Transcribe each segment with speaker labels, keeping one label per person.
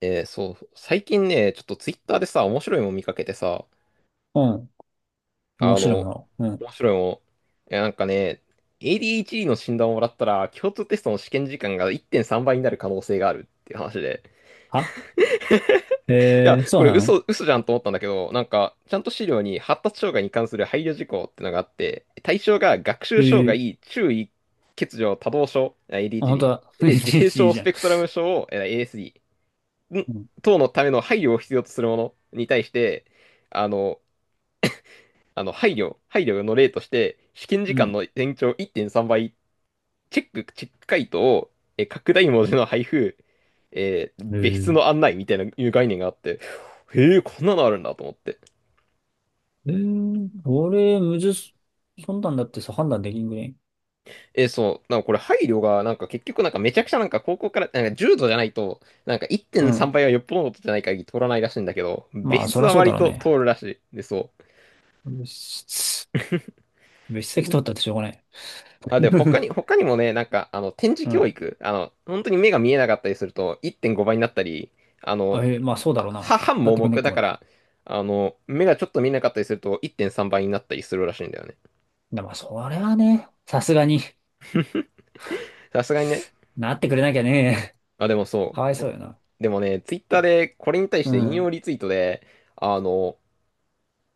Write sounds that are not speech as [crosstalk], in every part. Speaker 1: そう、最近ね、ちょっとツイッターでさ、面白いもん見かけてさ、
Speaker 2: うん。面
Speaker 1: あ
Speaker 2: 白いも
Speaker 1: の、
Speaker 2: の。うん。
Speaker 1: 面白いもん、えなんかね、ADHD の診断をもらったら、共通テストの試験時間が1.3倍になる可能性があるっていう話で、
Speaker 2: は
Speaker 1: いや、
Speaker 2: えー、そ
Speaker 1: こ
Speaker 2: う
Speaker 1: れ
Speaker 2: なの
Speaker 1: 嘘、嘘じゃんと思ったんだけど、なんか、ちゃんと資料に発達障害に関する配慮事項ってのがあって、対象が学
Speaker 2: え
Speaker 1: 習障
Speaker 2: ー、
Speaker 1: 害、注意、欠如、多動症、
Speaker 2: あ、本当だ。
Speaker 1: ADHD、
Speaker 2: [laughs]
Speaker 1: で、
Speaker 2: い
Speaker 1: 自閉
Speaker 2: h
Speaker 1: 症
Speaker 2: じ
Speaker 1: ス
Speaker 2: ゃん。
Speaker 1: ペクトラム症を、ASD、
Speaker 2: うん。
Speaker 1: 等のための配慮を必要とするものに対して、あの、配慮の例として、試験
Speaker 2: う
Speaker 1: 時間
Speaker 2: ん
Speaker 1: の延長1.3倍、チェック回答を、拡大文字の配布、
Speaker 2: え
Speaker 1: 別室
Speaker 2: ー、
Speaker 1: の案内みたいないう概念があって、へえ、こんなのあるんだと思って。
Speaker 2: 俺、むず、そんなんだってさ、判断できんぐらい。
Speaker 1: そう、なんかこれ配慮が、なんか結局なんかめちゃくちゃなんか高校から、なんか重度じゃないと、なんか
Speaker 2: う
Speaker 1: 1.3
Speaker 2: ん。
Speaker 1: 倍はよっぽどのことじゃない限り通らないらしいんだけど、
Speaker 2: ま
Speaker 1: 別
Speaker 2: あ、そ
Speaker 1: 室
Speaker 2: りゃ
Speaker 1: は
Speaker 2: そうだ
Speaker 1: 割
Speaker 2: ろう
Speaker 1: と
Speaker 2: ね。
Speaker 1: 通るらしい。で、そう。
Speaker 2: 別室、別席取ったってしょうがない。
Speaker 1: あ、で、
Speaker 2: [laughs]
Speaker 1: 他にもね、なんか、あの、展示
Speaker 2: う
Speaker 1: 教
Speaker 2: ん。
Speaker 1: 育、あの、本当に目が見えなかったりすると、1.5倍になったり、あの、
Speaker 2: あ、まあ、そうだ
Speaker 1: あ
Speaker 2: ろう
Speaker 1: は、
Speaker 2: な。
Speaker 1: 半
Speaker 2: なっ
Speaker 1: 盲
Speaker 2: てくんねっ
Speaker 1: 目だ
Speaker 2: こ
Speaker 1: か
Speaker 2: も。
Speaker 1: ら、あの、目がちょっと見えなかったりすると、1.3倍になったりするらしいんだよね。
Speaker 2: でも、それはね、さすがに
Speaker 1: さすがにね。
Speaker 2: なってくれなきゃね。
Speaker 1: あ、でも
Speaker 2: [laughs]
Speaker 1: そ
Speaker 2: か
Speaker 1: う、
Speaker 2: わいそう
Speaker 1: こ、
Speaker 2: よな。
Speaker 1: でもね、ツイッターでこれに対し
Speaker 2: う
Speaker 1: て引用
Speaker 2: ん。
Speaker 1: リツイートで、あの、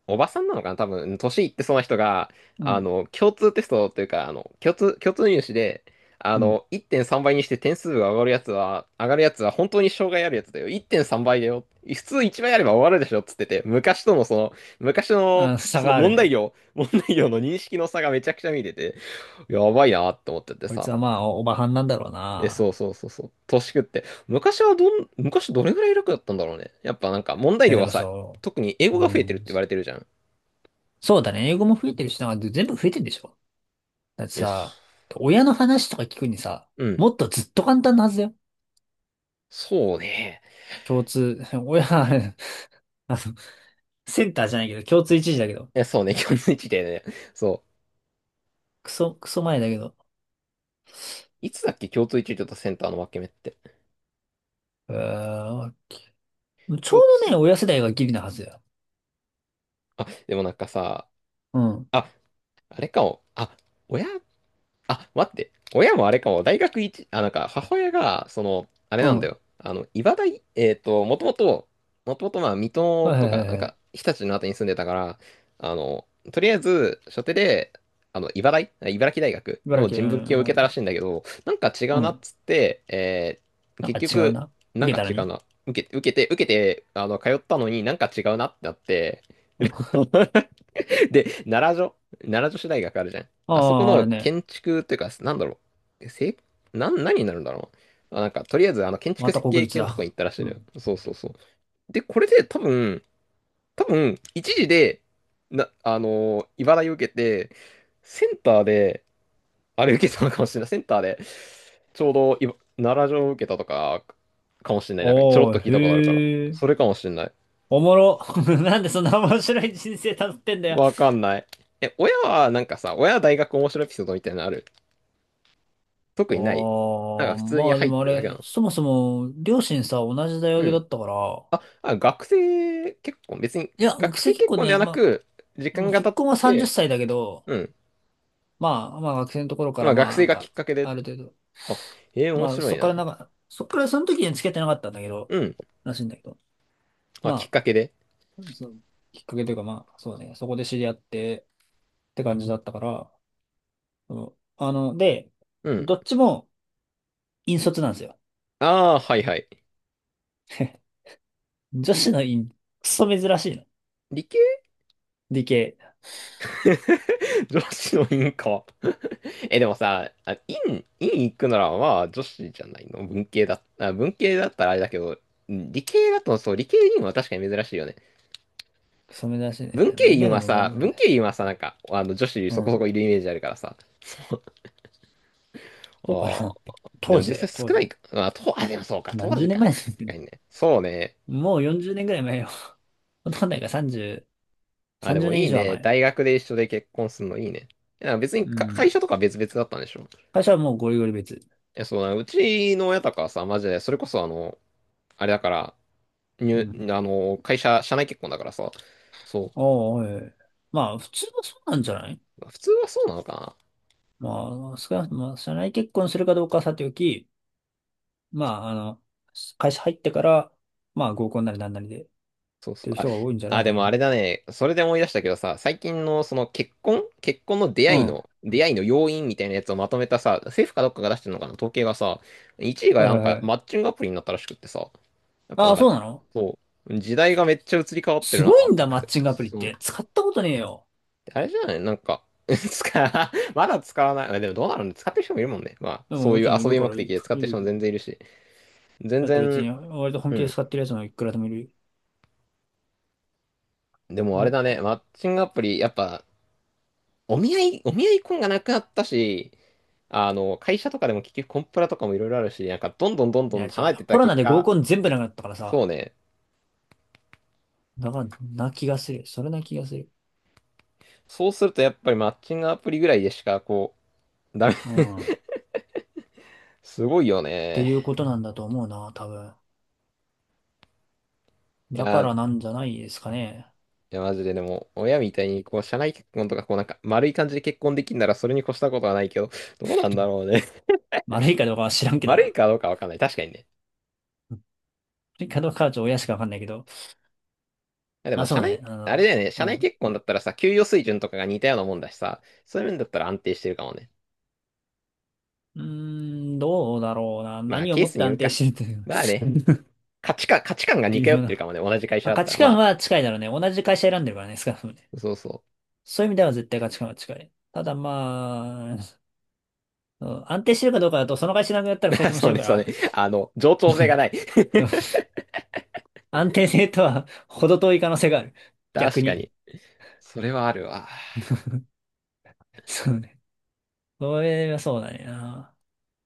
Speaker 1: おばさんなのかな多分、年いってそうな人が、
Speaker 2: う
Speaker 1: あ
Speaker 2: ん。
Speaker 1: の、共通テストというか、共通入試で、あ
Speaker 2: うん。
Speaker 1: の、1.3倍にして点数が上がるやつは、本当に障害あるやつだよ。1.3倍だよ。普通1倍あれば終わるでしょっつってて、昔の、
Speaker 2: あ、差
Speaker 1: その
Speaker 2: があるね。
Speaker 1: 問題量の認識の差がめちゃくちゃ見てて、やばいなって思ってて
Speaker 2: こいつ
Speaker 1: さ。
Speaker 2: はまあ、おばはんなんだろうな。
Speaker 1: そうそうそうそう。年食って。昔どれぐらい楽だったんだろうね。やっぱなんか問題
Speaker 2: や、
Speaker 1: 量
Speaker 2: で
Speaker 1: は
Speaker 2: も
Speaker 1: さ、
Speaker 2: そ
Speaker 1: 特に英
Speaker 2: う。
Speaker 1: 語が
Speaker 2: う
Speaker 1: 増えてるっ
Speaker 2: ん。
Speaker 1: て言われてるじゃん。
Speaker 2: そうだね。英語も増えてるしな、全部増えてるでしょ。だって
Speaker 1: よし。
Speaker 2: さ、親の話とか聞くにさ、
Speaker 1: うん。
Speaker 2: もっとずっと簡単なはずだよ。
Speaker 1: そうね。
Speaker 2: 共通、[laughs] 親、あの、センターじゃないけど、共通一時だけど。
Speaker 1: いや、そうね、[laughs] 共通一でね。そ
Speaker 2: クソ前だけど。
Speaker 1: う。いつだっけ、共通一流とセンターの分け目って。
Speaker 2: うーん、ちょ
Speaker 1: 共
Speaker 2: うどね、
Speaker 1: 通、
Speaker 2: 親世代がギリなはずだよ。
Speaker 1: あ、でもなんかさ、
Speaker 2: うん。
Speaker 1: あ、あれかも。親待って。親もあれかも。大学一、あ、なんか、母親が、その、あれ
Speaker 2: うん。
Speaker 1: なんだ
Speaker 2: は
Speaker 1: よ。あの、茨大、えっと、もともと、まあ、水
Speaker 2: い
Speaker 1: 戸
Speaker 2: はいは
Speaker 1: とか、なん
Speaker 2: いは
Speaker 1: か、
Speaker 2: い。
Speaker 1: 日立のあたりに住んでたから、あの、とりあえず、初手で、茨城大学
Speaker 2: 茨
Speaker 1: の
Speaker 2: 城、う
Speaker 1: 人文系を
Speaker 2: ん、あ
Speaker 1: 受け
Speaker 2: る
Speaker 1: たらし
Speaker 2: よ。
Speaker 1: いんだけど、なんか違
Speaker 2: う
Speaker 1: うなっ
Speaker 2: ん。
Speaker 1: つって、
Speaker 2: なん
Speaker 1: 結
Speaker 2: か違う
Speaker 1: 局、
Speaker 2: な。
Speaker 1: なん
Speaker 2: 受け
Speaker 1: か
Speaker 2: たら
Speaker 1: 違う
Speaker 2: に。
Speaker 1: な。受けて、あの、通ったのになんか違うなってなって、
Speaker 2: うん、あ
Speaker 1: [laughs] [laughs] で、奈良女子大学あるじゃん。あそこ
Speaker 2: あ、あ
Speaker 1: の
Speaker 2: るね。
Speaker 1: 建築っていうか、なんだろう。せ、なん、何になるんだろう。あ、なんか、とりあえず、あの、建
Speaker 2: ま
Speaker 1: 築
Speaker 2: た
Speaker 1: 設
Speaker 2: 国
Speaker 1: 計
Speaker 2: 立
Speaker 1: 系のとこに行
Speaker 2: だ。
Speaker 1: ったらしい
Speaker 2: う
Speaker 1: のよ。
Speaker 2: ん。
Speaker 1: そうそうそう。で、これで多分、多分、一時で、な、あのー、茨城受けて、センターで、あれ受けたのかもしれない。センターで、ちょうどいば、奈良城受けたとか、かもしれな
Speaker 2: あ
Speaker 1: い。なんか、ちょろっと
Speaker 2: あ、
Speaker 1: 聞いたことあるから。
Speaker 2: へえ。
Speaker 1: それかもしれない。
Speaker 2: おもろ。[laughs] なんでそんな面白い人生たどってんだよ。
Speaker 1: わかんない。親は、なんかさ、親は大学面白いエピソードみたいなのある特にない。
Speaker 2: あ
Speaker 1: なんか
Speaker 2: あ、
Speaker 1: 普通に
Speaker 2: まあで
Speaker 1: 入っ
Speaker 2: もあ
Speaker 1: てるだ
Speaker 2: れ、
Speaker 1: けなの。
Speaker 2: そもそも、両親さ、同じ大
Speaker 1: う
Speaker 2: 学だ
Speaker 1: ん。
Speaker 2: ったから、
Speaker 1: あ、学生結婚、別に
Speaker 2: いや、学
Speaker 1: 学
Speaker 2: 生
Speaker 1: 生
Speaker 2: 結
Speaker 1: 結
Speaker 2: 婚
Speaker 1: 婚では
Speaker 2: ね、
Speaker 1: な
Speaker 2: ま
Speaker 1: く、時
Speaker 2: あ、
Speaker 1: 間が経
Speaker 2: 結
Speaker 1: っ
Speaker 2: 婚は30
Speaker 1: て、
Speaker 2: 歳だけど、
Speaker 1: うん。
Speaker 2: まあ、まあ学生のところか
Speaker 1: ま
Speaker 2: ら、
Speaker 1: あ学
Speaker 2: まあな
Speaker 1: 生
Speaker 2: ん
Speaker 1: がき
Speaker 2: か、
Speaker 1: っかけ
Speaker 2: あ
Speaker 1: で、
Speaker 2: る程度、
Speaker 1: あ、面
Speaker 2: まあ
Speaker 1: 白
Speaker 2: そ
Speaker 1: い
Speaker 2: っから
Speaker 1: な。
Speaker 2: なんか、そっからその時には付き合ってなかったんだけど、
Speaker 1: うん。
Speaker 2: らしいんだけど、
Speaker 1: まあ、きっ
Speaker 2: ま
Speaker 1: かけで。
Speaker 2: あ、そのきっかけというかまあ、そうね、そこで知り合ってって感じだったから、うん、で、
Speaker 1: うん。
Speaker 2: どっちも引率なんですよ。
Speaker 1: ああ、はいはい。
Speaker 2: [laughs] 女子の院、クソ珍しいの。
Speaker 1: 理系
Speaker 2: 理系。
Speaker 1: [laughs] 女子の院か。[laughs] え、でもさ、院行くならまあ女子じゃないの文系だ、文系だったらあれだけど、理系だとそう、理系院は確かに珍しいよね。
Speaker 2: クソ珍しいね。まあ、今でもまあまあ珍
Speaker 1: 文
Speaker 2: し
Speaker 1: 系
Speaker 2: い。
Speaker 1: 院はさ、なんか、あの、女子
Speaker 2: う
Speaker 1: そこそこい
Speaker 2: ん。
Speaker 1: るイメージあるからさ。
Speaker 2: そうか
Speaker 1: ああ、
Speaker 2: な。
Speaker 1: で
Speaker 2: 当
Speaker 1: も
Speaker 2: 時だ
Speaker 1: 実際
Speaker 2: よ、当
Speaker 1: 少な
Speaker 2: 時。
Speaker 1: いか。まあ、でもそうか、当
Speaker 2: 何十
Speaker 1: 時
Speaker 2: 年
Speaker 1: か。
Speaker 2: 前
Speaker 1: 確
Speaker 2: ですけ
Speaker 1: か
Speaker 2: ど。
Speaker 1: にね。そうね。
Speaker 2: もう40年ぐらい前よ。ほとんどないから
Speaker 1: あ、で
Speaker 2: 30
Speaker 1: も
Speaker 2: 年
Speaker 1: い
Speaker 2: 以
Speaker 1: い
Speaker 2: 上は
Speaker 1: ね。
Speaker 2: 前。
Speaker 1: 大学で一緒で結婚するのいいね。いや、別に
Speaker 2: う
Speaker 1: か会
Speaker 2: ん。
Speaker 1: 社とか別々だったんでしょ。い
Speaker 2: 会社はもうゴリゴリ別。
Speaker 1: や、そうな、うちの親とかはさ、マジで、それこそあの、あれだから、
Speaker 2: う
Speaker 1: 入、
Speaker 2: ん。
Speaker 1: あの、会社、社内結婚だからさ、そ
Speaker 2: おーおい。まあ、普通はそうなんじゃない？
Speaker 1: う。普通はそうなのかな。
Speaker 2: まあ、少なくとも、社内結婚するかどうかはさておき、まあ、会社入ってから、まあ、合コンなりなんなりで、っ
Speaker 1: そうそ
Speaker 2: てい
Speaker 1: う。
Speaker 2: う
Speaker 1: あ、
Speaker 2: 人が多いんじゃない
Speaker 1: あ、で
Speaker 2: か
Speaker 1: もあ
Speaker 2: な。
Speaker 1: れだね。それで思い出したけどさ、最近のその結婚の
Speaker 2: うん。
Speaker 1: 出会いの要因みたいなやつをまとめたさ、政府かどっかが出してるのかな、統計がさ、1位が
Speaker 2: はい
Speaker 1: なん
Speaker 2: はい
Speaker 1: か
Speaker 2: はい。
Speaker 1: マッチングアプリになったらしくってさ、やっぱ
Speaker 2: あ
Speaker 1: なん
Speaker 2: あ、そ
Speaker 1: か、
Speaker 2: うなの？
Speaker 1: そう、時代がめっちゃ移り変わって
Speaker 2: す
Speaker 1: るな
Speaker 2: ごい
Speaker 1: と
Speaker 2: んだ、
Speaker 1: 思っ
Speaker 2: マッ
Speaker 1: て。
Speaker 2: チングアプリっ
Speaker 1: その、
Speaker 2: て。使ったことねえよ。
Speaker 1: あれじゃないなんか、[laughs] まだ使わない。あでもどうなるんで使ってる人もいるもんね。まあ、
Speaker 2: でも
Speaker 1: そう
Speaker 2: も
Speaker 1: い
Speaker 2: ち
Speaker 1: う
Speaker 2: ろんい
Speaker 1: 遊
Speaker 2: る
Speaker 1: び
Speaker 2: か
Speaker 1: 目
Speaker 2: ら、い
Speaker 1: 的
Speaker 2: る、
Speaker 1: で使っ
Speaker 2: い
Speaker 1: てる
Speaker 2: る。い
Speaker 1: 人も全
Speaker 2: る。
Speaker 1: 然いるし、全
Speaker 2: だって別
Speaker 1: 然、
Speaker 2: に、割と本
Speaker 1: う
Speaker 2: 気で
Speaker 1: ん。
Speaker 2: 使ってるやつもいくらでもいる。
Speaker 1: でもあれ
Speaker 2: お
Speaker 1: だね、
Speaker 2: こ
Speaker 1: マッチングアプリ、やっぱ、お見合い婚がなくなったし、あの、会社とかでも結局コンプラとかもいろいろあるし、なんかどんどんどん
Speaker 2: い
Speaker 1: どん
Speaker 2: や、
Speaker 1: 離れてっ
Speaker 2: コ
Speaker 1: た
Speaker 2: ロナ
Speaker 1: 結
Speaker 2: で合
Speaker 1: 果、
Speaker 2: コン全部なくなったから
Speaker 1: そう
Speaker 2: さ。
Speaker 1: ね。
Speaker 2: だから、な気がする。それな気がする。
Speaker 1: そうするとやっぱりマッチングアプリぐらいでしか、こう、ダメ。
Speaker 2: う
Speaker 1: [laughs]
Speaker 2: ん。っ
Speaker 1: すごいよ
Speaker 2: て
Speaker 1: ね。
Speaker 2: いうことなんだと思うな、多分。
Speaker 1: い
Speaker 2: だ
Speaker 1: や、
Speaker 2: からなんじゃないですかね。
Speaker 1: マジででも、親みたいに、こう、社内結婚とか、こう、なんか、丸い感じで結婚できんなら、それに越したことはないけど、どうなんだろうね。[laughs]
Speaker 2: 悪いかどうかは知らんけど
Speaker 1: 丸い
Speaker 2: な。
Speaker 1: かどうかわかんない。確かにね。い
Speaker 2: 悪いかどうかはちょっと親しかわかんないけど。
Speaker 1: やで
Speaker 2: あ、
Speaker 1: も、
Speaker 2: そうね。
Speaker 1: あれだよね。社
Speaker 2: う
Speaker 1: 内
Speaker 2: ん。
Speaker 1: 結婚だったらさ、給与水準とかが似たようなもんだしさ、そういう面だったら安定してるかもね。
Speaker 2: うーん、どうだろうな。
Speaker 1: まあ、
Speaker 2: 何を
Speaker 1: ケー
Speaker 2: もっ
Speaker 1: ス
Speaker 2: て
Speaker 1: による
Speaker 2: 安定し
Speaker 1: か。
Speaker 2: てるっ
Speaker 1: まあ
Speaker 2: て
Speaker 1: ね、
Speaker 2: いう。
Speaker 1: 価値観が
Speaker 2: [laughs]
Speaker 1: 似
Speaker 2: 微
Speaker 1: 通っ
Speaker 2: 妙
Speaker 1: てる
Speaker 2: な。
Speaker 1: かもね、同じ会社
Speaker 2: まあ、
Speaker 1: だっ
Speaker 2: 価
Speaker 1: たら。
Speaker 2: 値
Speaker 1: ま
Speaker 2: 観
Speaker 1: あ、
Speaker 2: は近いだろうね。同じ会社選んでるからね、少なくともね。
Speaker 1: そうそ
Speaker 2: そういう意味では絶対価値観は近い。ただまあ、うん、安定してるかどうかだと、その会社な
Speaker 1: う。
Speaker 2: くなっ
Speaker 1: [laughs]
Speaker 2: たら
Speaker 1: ま
Speaker 2: 二人
Speaker 1: あ、
Speaker 2: とも
Speaker 1: そ
Speaker 2: 死
Speaker 1: う
Speaker 2: ぬ
Speaker 1: ね、
Speaker 2: か
Speaker 1: そうね。
Speaker 2: ら、
Speaker 1: あの、冗長性が
Speaker 2: [laughs]
Speaker 1: ない。
Speaker 2: 安定性とは程遠い可能性がある。
Speaker 1: [laughs]
Speaker 2: 逆
Speaker 1: 確か
Speaker 2: に。
Speaker 1: に。それはあるわ。
Speaker 2: そうね。それはそうだねな。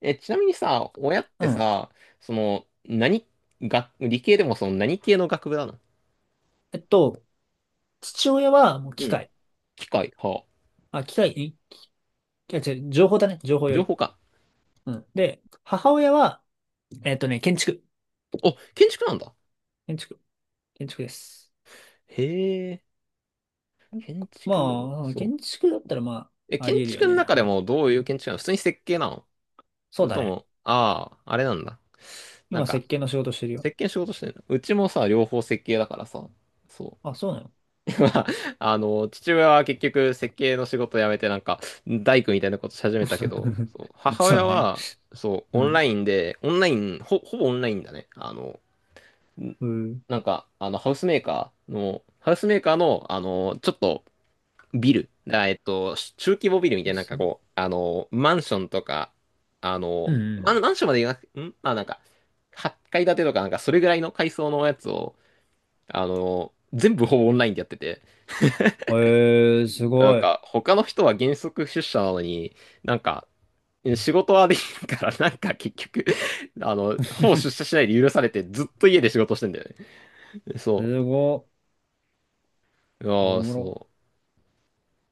Speaker 1: え、ちなみにさ、親って
Speaker 2: うん。
Speaker 1: さ、その、何、理系でもその何系の学部なの
Speaker 2: えっと、父親はもう
Speaker 1: う
Speaker 2: 機
Speaker 1: ん。
Speaker 2: 械。
Speaker 1: 機械、は
Speaker 2: あ、機械、いや違う、情報だね。情報
Speaker 1: あ、
Speaker 2: よ
Speaker 1: 情
Speaker 2: り。
Speaker 1: 報か。
Speaker 2: うん。で、母親は、建築。
Speaker 1: お、建築なんだ。
Speaker 2: 建築。建築です。
Speaker 1: へえ、建築、
Speaker 2: まあ、
Speaker 1: そう。
Speaker 2: 建築だったらまあ、あ
Speaker 1: 建
Speaker 2: り得るよ
Speaker 1: 築の
Speaker 2: ね。
Speaker 1: 中でもどう
Speaker 2: う
Speaker 1: いう
Speaker 2: ん、
Speaker 1: 建築なの普通に設計なのそ
Speaker 2: そう
Speaker 1: れ
Speaker 2: だ
Speaker 1: と
Speaker 2: ね。
Speaker 1: も、ああ、あれなんだ。なん
Speaker 2: 今、
Speaker 1: か、
Speaker 2: 設計の仕事してるよ。
Speaker 1: 設計の仕事してるのうちもさ、両方設計だからさ。そ
Speaker 2: あ、そうなの？
Speaker 1: う。[laughs] まあ、あの、父親は結局設計の仕事辞めてなんか、大工みたいなことし始めたけど、
Speaker 2: [laughs]
Speaker 1: そう、母
Speaker 2: そう
Speaker 1: 親
Speaker 2: だね。
Speaker 1: は、そう、
Speaker 2: う
Speaker 1: オン
Speaker 2: ん。
Speaker 1: ラインで、オンライン、ほ、ほぼオンラインだね。あの、
Speaker 2: うん。
Speaker 1: なんか、あの、ハウスメーカーの、あの、ちょっと、ビル、あえっと、中規模ビルみたいな、なんかこう、あの、マンションとか、あ
Speaker 2: う
Speaker 1: の、マ
Speaker 2: ん
Speaker 1: ンマンションまで言わなくて、んまあなんか、8階建てとか、なんかそれぐらいの階層のやつを、あの、全部ほぼオンラインでやってて、
Speaker 2: うん。へえー、す
Speaker 1: なん
Speaker 2: ごい。
Speaker 1: か、他の人は原則出社なのに、なんか、仕事はできるから、[laughs] なんか結局あの、ほぼ
Speaker 2: [laughs]
Speaker 1: 出社しないで許されて、ずっと家で仕事してんだよね。そ
Speaker 2: すごい。
Speaker 1: う。あ
Speaker 2: お
Speaker 1: あ、
Speaker 2: もろ。
Speaker 1: そう。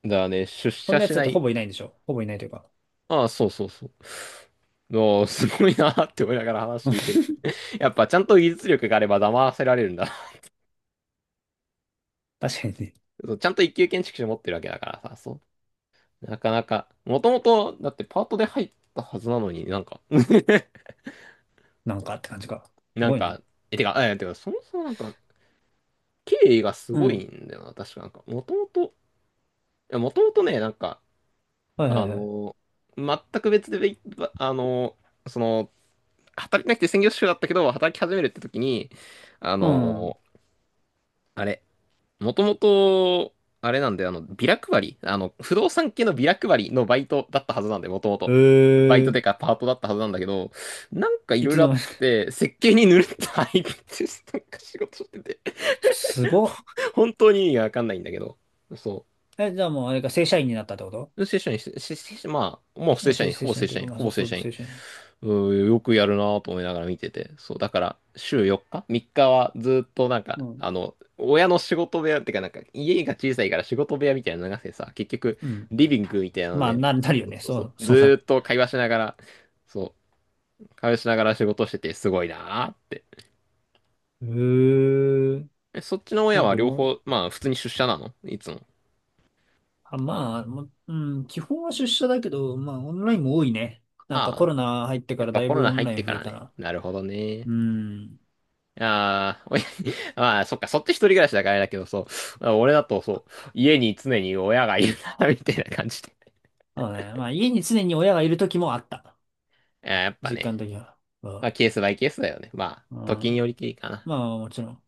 Speaker 1: だね、出
Speaker 2: そん
Speaker 1: 社
Speaker 2: なやつ
Speaker 1: し
Speaker 2: だっ
Speaker 1: な
Speaker 2: てほ
Speaker 1: い。
Speaker 2: ぼいないんでしょ？ほぼいないというか。
Speaker 1: ああ、そうそうそう。おーすごいなーって思いながら話聞いてる。やっぱちゃんと技術力があれば騙せられるんだ。
Speaker 2: 確かにね。
Speaker 1: そうちゃんと一級建築士持ってるわけだからさ、そう。なかなか、もともと、だってパートで入ったはずなのになんか [laughs]
Speaker 2: なんかって感じか。す
Speaker 1: なん
Speaker 2: ごいね。
Speaker 1: か、え、てか、え、てか、そもそもなんか、経緯がす
Speaker 2: う
Speaker 1: ごい
Speaker 2: ん。
Speaker 1: んだよな、確かなんか。もともとね、なんか、
Speaker 2: はいは
Speaker 1: あ
Speaker 2: い
Speaker 1: の
Speaker 2: はい。
Speaker 1: ー全く別で、あのーその、働いてなくて専業主婦だったけど、働き始めるって時に、あ
Speaker 2: うん。
Speaker 1: のーあれ、もともと、あれなんで、あの、ビラ配り、あの、不動産系のビラ配りのバイトだったはずなんで、もとも
Speaker 2: え
Speaker 1: と。バイト
Speaker 2: ー。
Speaker 1: でかパートだったはずなんだけど、なんかい
Speaker 2: い
Speaker 1: ろい
Speaker 2: つ
Speaker 1: ろあ
Speaker 2: の
Speaker 1: っ
Speaker 2: 間にか。
Speaker 1: て、設計にぬるっと入って、なんか仕事してて、
Speaker 2: [laughs] すごっ。
Speaker 1: ほ本当に意味がわかんないんだけど、そう。
Speaker 2: え、じゃあもうあれか、正社員になったってこと？
Speaker 1: 正社員、せせ正社まあ、もう
Speaker 2: ま
Speaker 1: 正
Speaker 2: あ、
Speaker 1: 社
Speaker 2: 正
Speaker 1: 員、
Speaker 2: 正
Speaker 1: ほぼ
Speaker 2: 社
Speaker 1: 正
Speaker 2: 員とい
Speaker 1: 社
Speaker 2: うか、
Speaker 1: 員、
Speaker 2: まあ、
Speaker 1: ほ
Speaker 2: そ
Speaker 1: ぼ
Speaker 2: う、
Speaker 1: 正
Speaker 2: そ
Speaker 1: 社
Speaker 2: う、
Speaker 1: 員。
Speaker 2: 正社員。
Speaker 1: うーよくやるなぁと思いながら見てて。そう、だから、週4日 ?3 日はずっとなんか、
Speaker 2: うん。
Speaker 1: あの、親の仕事部屋ってか、なんか、家が小さいから仕事部屋みたいなのがあてさ、結局、
Speaker 2: うん。
Speaker 1: リビングみたいなの
Speaker 2: まあ、
Speaker 1: で、
Speaker 2: なるよ
Speaker 1: そう
Speaker 2: ね。
Speaker 1: そう
Speaker 2: そ
Speaker 1: そ
Speaker 2: う、
Speaker 1: う、ず
Speaker 2: そう
Speaker 1: ー
Speaker 2: な
Speaker 1: っと会話しながら、そ仕事してて、すごいなぁって。
Speaker 2: る。へえ。
Speaker 1: え、そっちの親
Speaker 2: なん
Speaker 1: は
Speaker 2: か
Speaker 1: 両
Speaker 2: もう、
Speaker 1: 方、まあ、普通に出社なのいつも。
Speaker 2: あ、まあ、もう、うん、基本は出社だけど、まあ、オンラインも多いね。なんかコ
Speaker 1: ああ、
Speaker 2: ロナ入ってか
Speaker 1: やっ
Speaker 2: ら
Speaker 1: ぱ
Speaker 2: だい
Speaker 1: コロ
Speaker 2: ぶ
Speaker 1: ナ
Speaker 2: オン
Speaker 1: 入っ
Speaker 2: ライ
Speaker 1: て
Speaker 2: ン
Speaker 1: か
Speaker 2: 増え
Speaker 1: ら
Speaker 2: た
Speaker 1: ね。
Speaker 2: な。
Speaker 1: なるほどね
Speaker 2: うん。
Speaker 1: ああ、親に、[laughs] まあ、そっか、そっち一人暮らしだからあれだけど、そう。[laughs] 俺だと、そう、家に常に親がいるな、[laughs] みたいな感じで。
Speaker 2: そうね。まあ、家に常に親がいる時もあった。
Speaker 1: [laughs] あーやっぱ
Speaker 2: 実
Speaker 1: ね、
Speaker 2: 感的には。うん。
Speaker 1: まあ、ケースバイケースだよね。まあ、
Speaker 2: うん、
Speaker 1: 時によりきりかな。
Speaker 2: まあ、もちろん。